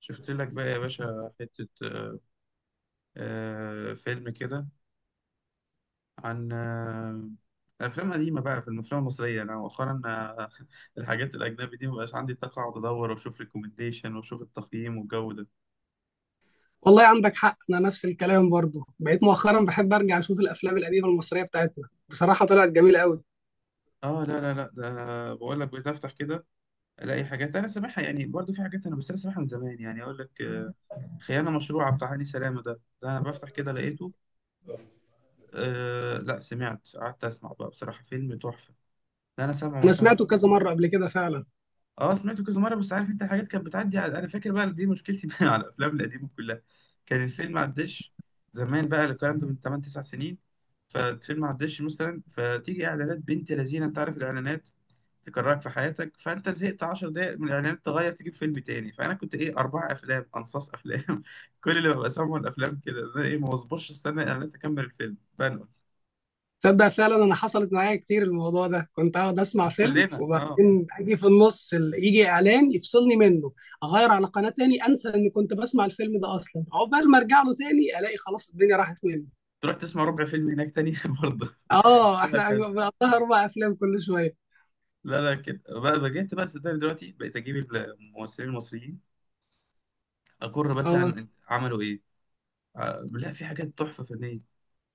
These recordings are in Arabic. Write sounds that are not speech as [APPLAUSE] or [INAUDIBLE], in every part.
شفت لك بقى يا باشا حتة فيلم كده، عن أفلام قديمة بقى، في الأفلام المصرية أنا مؤخرا [LAUGHS] الحاجات الأجنبي دي مبقاش عندي طاقة أقعد أدور وأشوف ريكومنديشن وأشوف التقييم والجو ده. والله عندك حق، انا نفس الكلام. برضو بقيت مؤخرا بحب ارجع اشوف الافلام القديمه المصريه بتاعتنا، بصراحه طلعت جميله قوي. لا لا لا، ده بقول لك بتفتح كده ألاقي حاجات أنا سامعها، يعني برضه في حاجات، أنا بس أنا سامعها من زمان، يعني أقول لك خيانة مشروعة بتاع هاني سلامة. ده أنا بفتح كده لقيته. لا، سمعت قعدت أسمع بقى، بصراحة فيلم تحفة. ده أنا سامعه انا مثلا. سمعته كذا مره قبل كده فعلا. اه، سمعته كذا مره، بس عارف انت، حاجات كانت بتعدي... على... انا فاكر بقى دي مشكلتي [LAUGHS] بقى على الافلام القديمه كلها. كان الفيلم ما عداش. زمان بقى الكلام ده من 8 9 سنين. فالفيلم ما عداش، مثلا فتيجي اعلانات بنت لذينه، انت عارف الاعلانات تكررك في حياتك، فانت زهقت 10 دقائق من الاعلانات تغير تجيب فيلم تاني. فانا كنت ايه، اربع افلام، انصاص افلام [LAUGHS] كل اللي ببقى سامعه الافلام كده، إن انا ايه، ما بصبرش استنى الاعلانات اكمل الفيلم، بنقل. تصدق فعلا انا حصلت معايا كتير الموضوع ده، كنت اقعد اسمع فيلم كلنا اه. وبعدين اجي في النص يجي اعلان يفصلني منه، اغير على قناه تاني، انسى اني كنت بسمع الفيلم ده اصلا، عقبال ما ارجع له تاني الاقي خلاص الدنيا راحت مني. تروح تسمع ربع فيلم هناك تاني [LAUGHS] برضه، اه، احنا وهكذا. بقى 4 افلام كل شويه. لا لا، كده بقى جيت بقى، صدقني دلوقتي بقيت اجيب الممثلين المصريين، اقر اه، مثلا عملوا ايه. لا، في حاجات تحفه فنيه.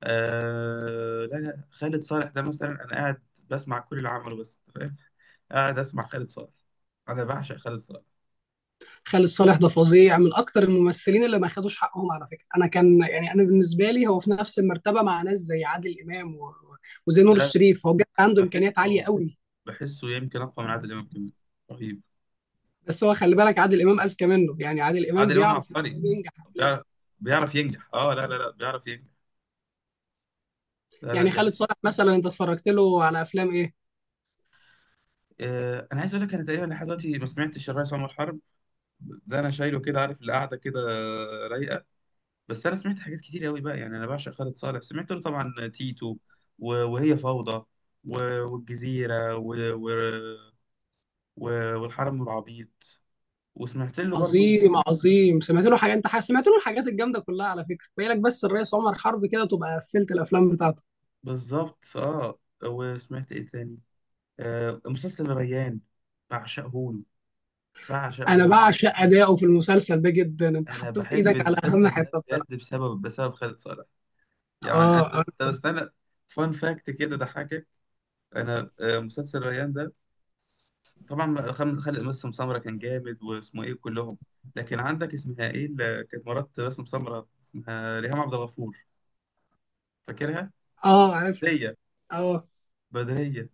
لا لا، خالد صالح ده مثلا، انا قاعد بسمع كل اللي عمله، بس فاهم؟ قاعد اسمع خالد صالح، انا بعشق خالد صالح. خالد صالح ده فظيع، من اكتر الممثلين اللي ما خدوش حقهم على فكره. انا كان يعني انا بالنسبه لي هو في نفس المرتبه مع ناس زي عادل امام و... وزي لا نور لا، الشريف. هو بجد انا عنده امكانيات عاليه بحسه، قوي. يمكن اقوى من عادل امام كمان، رهيب. بس هو خلي بالك عادل امام اذكى منه، يعني عادل امام عادل امام بيعرف ازاي عبقري، ينجح افلامه. بيعرف بيعرف ينجح. اه لا لا لا، بيعرف ينجح، لا لا، يعني دي خالد حقيقة. صالح مثلا انت اتفرجت له على افلام ايه؟ انا عايز اقول لك، انا تقريبا لحد دلوقتي ما سمعتش الريس عمر حرب. ده انا شايله كده، عارف، القعده كده رايقه. بس انا سمعت حاجات كتير قوي بقى، يعني انا بعشق خالد صالح، سمعت له طبعا تيتو، وهي فوضى، والجزيره، و... والحرم والعبيط، وسمعت له برضو. عظيم عظيم. سمعت له حاجه؟ انت سمعت له الحاجات الجامده كلها على فكره، باقي لك بس الرئيس عمر حرب، كده تبقى قفلت الافلام بتاعته. بالظبط، وسمعت ايه تاني؟ مسلسل ريان، بعشقه له، انا بعشقه له. بعشق اداؤه في المسلسل ده جدا، انت انا حطيت بحب ايدك على اهم المسلسل ده حته بجد، بصراحه. بسبب خالد صالح، يعني انت. اه. آه. طب استنى، فان فاكت كده ضحكك، انا مسلسل ريان ده، طبعا خالد، باسم سمرة كان جامد، واسمه ايه، كلهم. لكن عندك، اسمها ايه اللي كانت مرات باسم سمرة؟ اسمها ريهام عبد الغفور، فاكرها؟ اه، عارف. بدرية، اه، بدرية.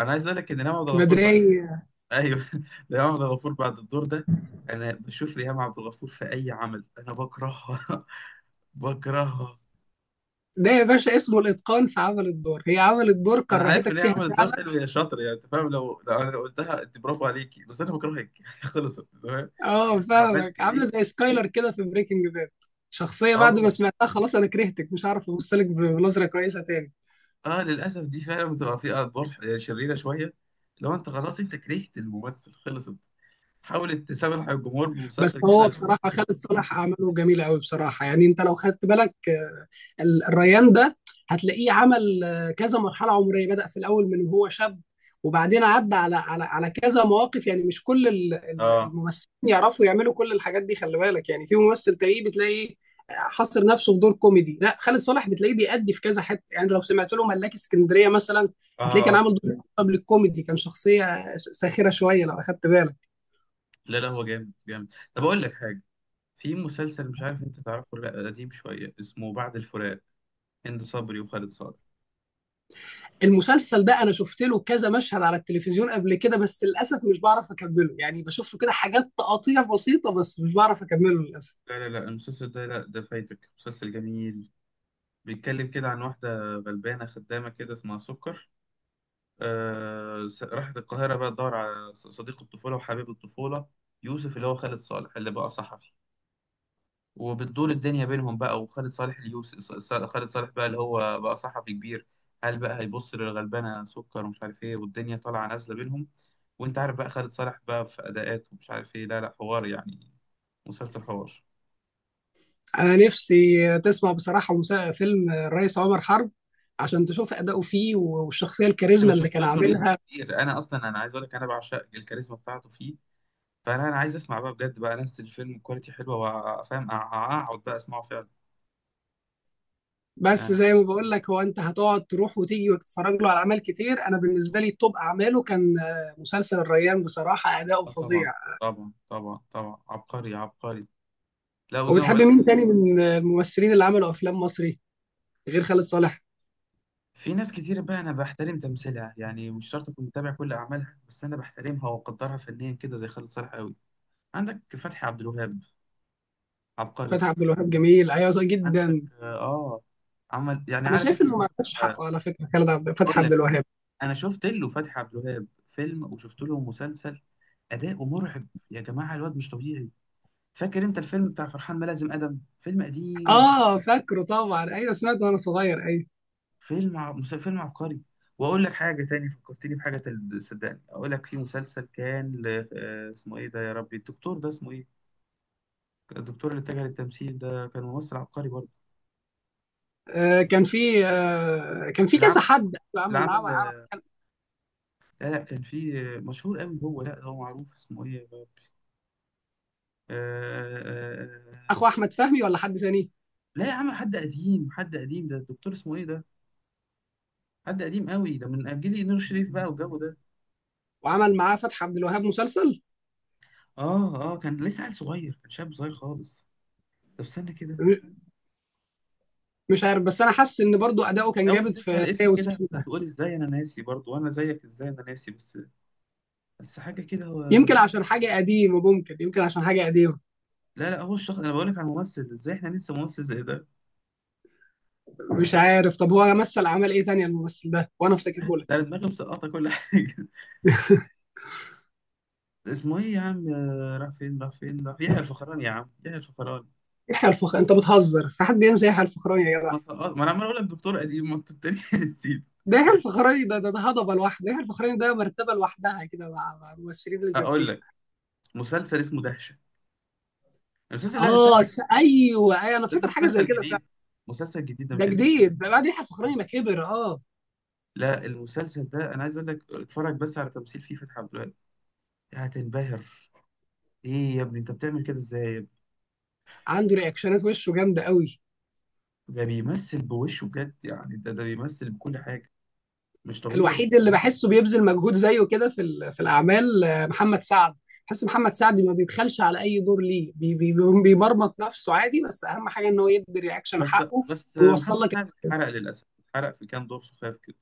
انا عايز اقول لك ان ريهام عبد الغفور بعد... بدرية. ايوه [LAUGHS] ريهام عبد الغفور بعد الدور ده، انا بشوف ريهام عبد الغفور في اي عمل انا بكرهها، [LAUGHS] بكرهها. ده يا باشا اسمه الاتقان في عمل الدور، هي عملت دور انا عارف كرهتك ان هي فيها عملت دور فعلا. حلو يا شاطر، يعني انت فاهم، لو انا لو قلتها، انت برافو عليكي، بس انا بكرهك، [LAUGHS] خلصت، تمام. اه عملت فاهمك، عامله ايه. زي سكايلر كده في بريكنج باد. شخصيه بعد اه ما سمعتها خلاص انا كرهتك، مش عارف ابص لك بنظره كويسه تاني. اه، للاسف دي فعلا بتبقى فيها ادوار شريره شويه، لو انت خلاص انت كرهت الممثل خلصت، حاولت تسامح الجمهور بس بمسلسل هو كده. بصراحة خالد صالح أعماله جميلة أوي بصراحة، يعني أنت لو خدت بالك، الريان ده هتلاقيه عمل كذا مرحلة عمرية، بدأ في الأول من وهو شاب وبعدين عدى على كذا مواقف. يعني مش كل اه الممثلين يعرفوا يعملوا كل الحاجات دي، خلي بالك. يعني في ممثل تلاقيه بتلاقيه حصر نفسه في دور كوميدي، لا خالد صالح بتلاقيه بيأدي في كذا حتة. يعني لو سمعت له ملاك اسكندرية مثلا هتلاقيه كان اه، عامل دور قبل الكوميدي، كان شخصية ساخرة شوية لو أخدت بالك. لا لا، هو جامد جامد. طب اقول لك حاجه، في مسلسل، مش عارف انت تعرفه ولا لا، قديم شويه، اسمه بعد الفراق، هند صبري وخالد صالح. المسلسل ده انا شفت له كذا مشهد على التلفزيون قبل كده، بس للاسف مش بعرف اكمله، يعني بشوف له كده حاجات تقاطيع بسيطه بس مش بعرف اكمله للاسف. لا لا لا، المسلسل ده لا، ده فايتك، مسلسل جميل. بيتكلم كده عن واحده غلبانه خدامه كده اسمها سكر، راحت القاهرة بقى تدور على صديق الطفولة وحبيب الطفولة، يوسف، اللي هو خالد صالح، اللي بقى صحفي. وبتدور الدنيا بينهم بقى، وخالد صالح اليوسف خالد صالح بقى، اللي هو بقى صحفي كبير. هل بقى هيبص للغلبانة سكر ومش عارف ايه، والدنيا طالعة نازلة بينهم؟ وانت عارف بقى، خالد صالح بقى في أداءات ومش عارف ايه، لا لا، حوار يعني، مسلسل حوار. انا نفسي تسمع بصراحه فيلم الرئيس عمر حرب عشان تشوف اداؤه فيه والشخصيه انا الكاريزما اللي شفت كان له ريلز عاملها. كتير، انا اصلا انا عايز اقول لك، انا بعشق الكاريزما بتاعته فيه. فانا عايز اسمع بقى بجد بقى ناس، الفيلم كواليتي حلوه، وافهم اقعد بقى اسمعه فعلا، بس يعني. زي ما بقول لك، هو انت هتقعد تروح وتيجي وتتفرج له على اعمال كتير، انا بالنسبه لي توب اعماله كان مسلسل الريان، بصراحه اداؤه اه طبعا، فظيع. طبعا طبعا طبعا، عبقري عبقري. لا، وزي ما وبتحب بقول لك، مين تاني من الممثلين اللي عملوا افلام مصري غير خالد صالح؟ في ناس كتير بقى انا بحترم تمثيلها، يعني مش شرط اكون متابع كل اعمالها، بس انا بحترمها واقدرها فنيا كده، زي خالد صالح قوي. عندك فتحي عبد الوهاب، عبقري. فتحي عبد الوهاب جميل، ايوه صح عندك جدا. عمل، يعني انا عارف شايف انت انه الفيلم ما عندهاش حقه على فكره، خالد عبد فتحي اقول عبد لك، الوهاب. انا شفت له فتحي عبد الوهاب فيلم، وشفت له مسلسل، اداؤه مرعب يا جماعه، الواد مش طبيعي. فاكر انت الفيلم بتاع فرحان ملازم ادم، فيلم قديم، اه فاكره طبعا، ايوه سمعته وانا صغير ايوه. فيلم فيلم عبقري. واقول لك حاجه تاني فكرتني بحاجه، صدقني اقول لك، في مسلسل كان ل... آه، اسمه ايه ده يا ربي؟ الدكتور ده اسمه ايه؟ الدكتور اللي اتجه للتمثيل ده، كان ممثل عبقري برضه. آه كان في آه كان في اللي كذا عمل حد اللي عمل معاه عمل آه، لا لا، كان في مشهور قوي هو، لا، هو معروف، اسمه ايه يا ربي؟ آه... آه... آه، اخو احمد فهمي ولا حد ثاني لا يا عم، حد قديم، حد قديم، ده الدكتور اسمه ايه ده؟ حد قديم قوي، ده من جيل نور الشريف بقى والجو ده. وعمل معاه فتحي عبد الوهاب مسلسل؟ اه اه، كان لسه عيل صغير، كان شاب صغير خالص. طب استنى كده. م- مش عارف، بس انا حاسس ان برضو اداؤه كان اول ما جامد تسمع في هي الاسم كده وسكينه. هتقول، ازاي انا ناسي؟ برضو وانا زيك، ازاي انا ناسي بس؟ بس حاجه كده، هو يمكن حاجة. عشان حاجه قديمه، ممكن يمكن عشان حاجه قديمه. لا لا، هو الشخص، انا بقول لك على ممثل، ازاي احنا ننسى ممثل زي ده؟ مش عارف. طب هو مثل اعمال ايه تانية الممثل ده وانا لا، افتكرهولك؟ ده أنا دماغي مسقطه كل حاجه. [LAUGHS] اسمه ايه يا عم؟ راح فين، راح فين؟ راح يحيى الفخراني، يا عم، يحيى الفخراني! يحيى الفخر انت بتهزر؟ في حد ينسى يحيى الفخراني يا جدع؟ ما سقط، ما انا عمال اقول لك دكتور قديم، ما انت التاني [LAUGHS] نسيت. ده يحيى الفخراني ده هضبه لوحده، يحيى الفخراني ده مرتبه لوحدها كده مع الممثلين اقول الجامدين. لك، مسلسل اسمه دهشه، المسلسل، لا استنى اه، استنى، ايوه ايوه انا ده فاكر حاجه زي مسلسل كده فعلا. جديد، مسلسل جديد ده، ده مش قديم. جديد ده بعد يحيى الفخراني ما كبر اه. لا المسلسل ده، انا عايز اقول لك، اتفرج بس على تمثيل فيه فتحي عبد الوهاب، هتنبهر. ايه يا ابني، انت بتعمل كده ازاي يا ابني؟ عنده رياكشنات، وشه جامده قوي. ده بيمثل بوشه بجد يعني، ده بيمثل بكل حاجه، مش طبيعي. الوحيد اللي بحسه بيبذل مجهود زيه كده في في الاعمال محمد سعد. بحس محمد سعد ما بيبخلش على اي دور ليه بي بي بيمرمط نفسه عادي، بس اهم حاجه ان هو يدي رياكشن بس حقه بس ويوصل محمد لك. سعد اتحرق للاسف، اتحرق في كام دور سخاف كده،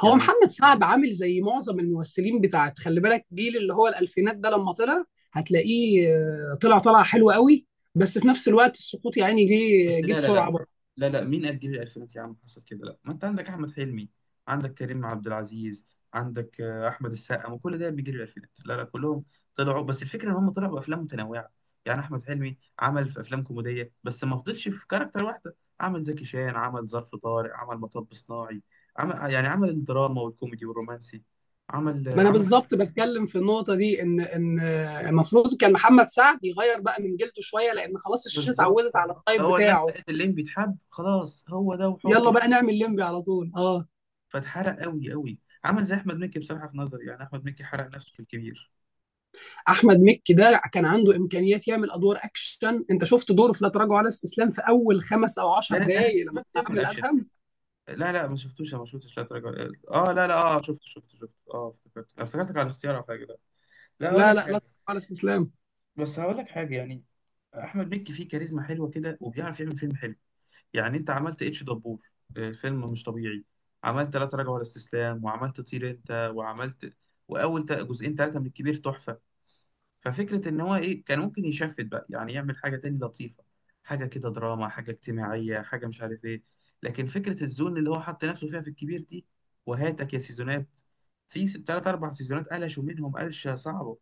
هو يعني. محمد سعد عامل زي معظم الممثلين بتاعت، خلي بالك جيل اللي هو الألفينات ده لما طلع هتلاقيه طلع حلو قوي، بس في نفس الوقت السقوط يعني بس جه لا لا لا، بسرعة برضه. لا لا، مين قد جيل الألفينات يا عم حصل كده؟ لا، ما أنت عندك أحمد حلمي، عندك كريم عبد العزيز، عندك أحمد السقا، ما كل ده بيجري الألفينات، لا لا، كلهم طلعوا. بس الفكرة إن هم طلعوا بأفلام متنوعة، يعني أحمد حلمي عمل في أفلام كوميدية بس ما فضلش في كاركتر واحدة، عمل زكي شان، عمل ظرف طارق، عمل مطب صناعي، عمل يعني، عمل الدراما والكوميدي والرومانسي، عمل آه، ما انا عمل بالظبط بتكلم في النقطة دي، ان المفروض كان محمد سعد يغير بقى من جلده شوية لان خلاص الشاشة بالظبط، اتعودت على الطيب هو الناس بتاعه. لقت اللين بيتحب، خلاص هو ده، وحطه يلا فيه، بقى نعمل لمبي على طول اه. فاتحرق قوي قوي. عمل زي احمد مكي بصراحه، في نظري يعني احمد مكي حرق نفسه في الكبير. احمد مكي ده كان عنده امكانيات يعمل ادوار اكشن، انت شفت دوره في لا تراجع ولا استسلام في اول خمس او لا عشر لا، انا دقايق لما سيبك كان سيبك من عامل الاكشن، ادهم؟ لا لا، ما شفتوش، أنا ما شفتش لا تراجع. اه لا لا، اه شفت، اه افتكرتك على الاختيار او حاجه، لا. لا هقول لا لك لا لا، حاجه، على استسلام. بس هقول لك حاجه يعني، احمد مكي فيه كاريزما حلوه كده، وبيعرف يعمل فيلم حلو. يعني انت عملت اتش دبور، الفيلم مش طبيعي. عملت لا تراجع ولا استسلام، وعملت طير انت، وعملت... واول جزئين ثلاثه من الكبير تحفه. ففكرة إن هو إيه، كان ممكن يشفت بقى يعني، يعمل حاجة تاني لطيفة، حاجة كده دراما، حاجة اجتماعية، حاجة مش عارف إيه، لكن فكرة الزون اللي هو حط نفسه فيها في الكبير دي، وهاتك يا سيزونات، في تلات أربع سيزونات قلشوا منهم قلشة صعبة.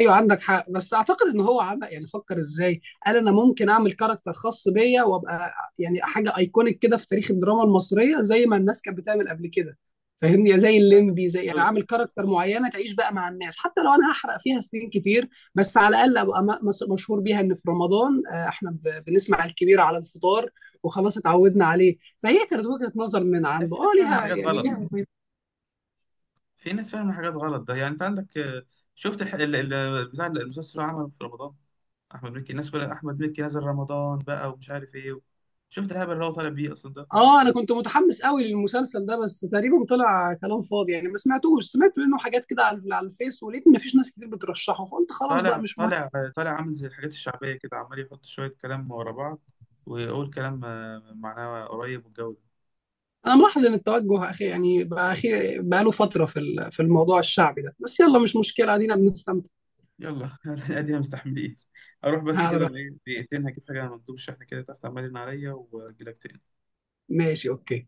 ايوه عندك حق، بس اعتقد ان هو عمق، يعني فكر ازاي. قال انا ممكن اعمل كاركتر خاص بيا وابقى يعني حاجه ايكونيك كده في تاريخ الدراما المصريه زي ما الناس كانت بتعمل قبل كده، فاهمني، زي لا لا، الليمبي، مش زي يعني قوي عامل كده. كاركتر معينه تعيش بقى مع الناس حتى لو انا هحرق فيها سنين كتير. بس على الاقل ابقى مشهور بيها، ان في رمضان احنا بنسمع الكبير على الفطار وخلاص اتعودنا عليه. فهي كانت وجهه نظر من لا، عنده في اه، ناس فاهمة ليها حاجات يعني غلط، ليها. في ناس فاهمة حاجات غلط ده، يعني أنت عندك شفت بتاع المسلسل اللي عمله في رمضان، أحمد مكي، الناس كلها، أحمد مكي نزل رمضان بقى ومش عارف إيه. شفت الهبل اللي هو طالع بيه أصلا ده؟ اه، انا كنت متحمس قوي للمسلسل ده بس تقريبا طلع كلام فاضي، يعني ما سمعتوش، سمعت منه حاجات كده على الفيس ولقيت ما فيش ناس كتير بترشحه فقلت خلاص بقى طالع، مش مهم. طالع، طالع عامل زي الحاجات الشعبية كده، عمال يحط شوية كلام ورا بعض، ويقول كلام معناه قريب والجو ده. انا ملاحظ ان التوجه اخي، يعني بقى اخي بقى له فتره في في الموضوع الشعبي ده، بس يلا مش مشكله، ادينا بنستمتع. يلا [LAUGHS] ادينا مستحملين. اروح بس على كده رأيك. بإيه، دقيقتين، هجيب حاجة من مندوب الشحن كده تحت، عمال يرن عليا، واجيلك تاني. ماشي، اوكي.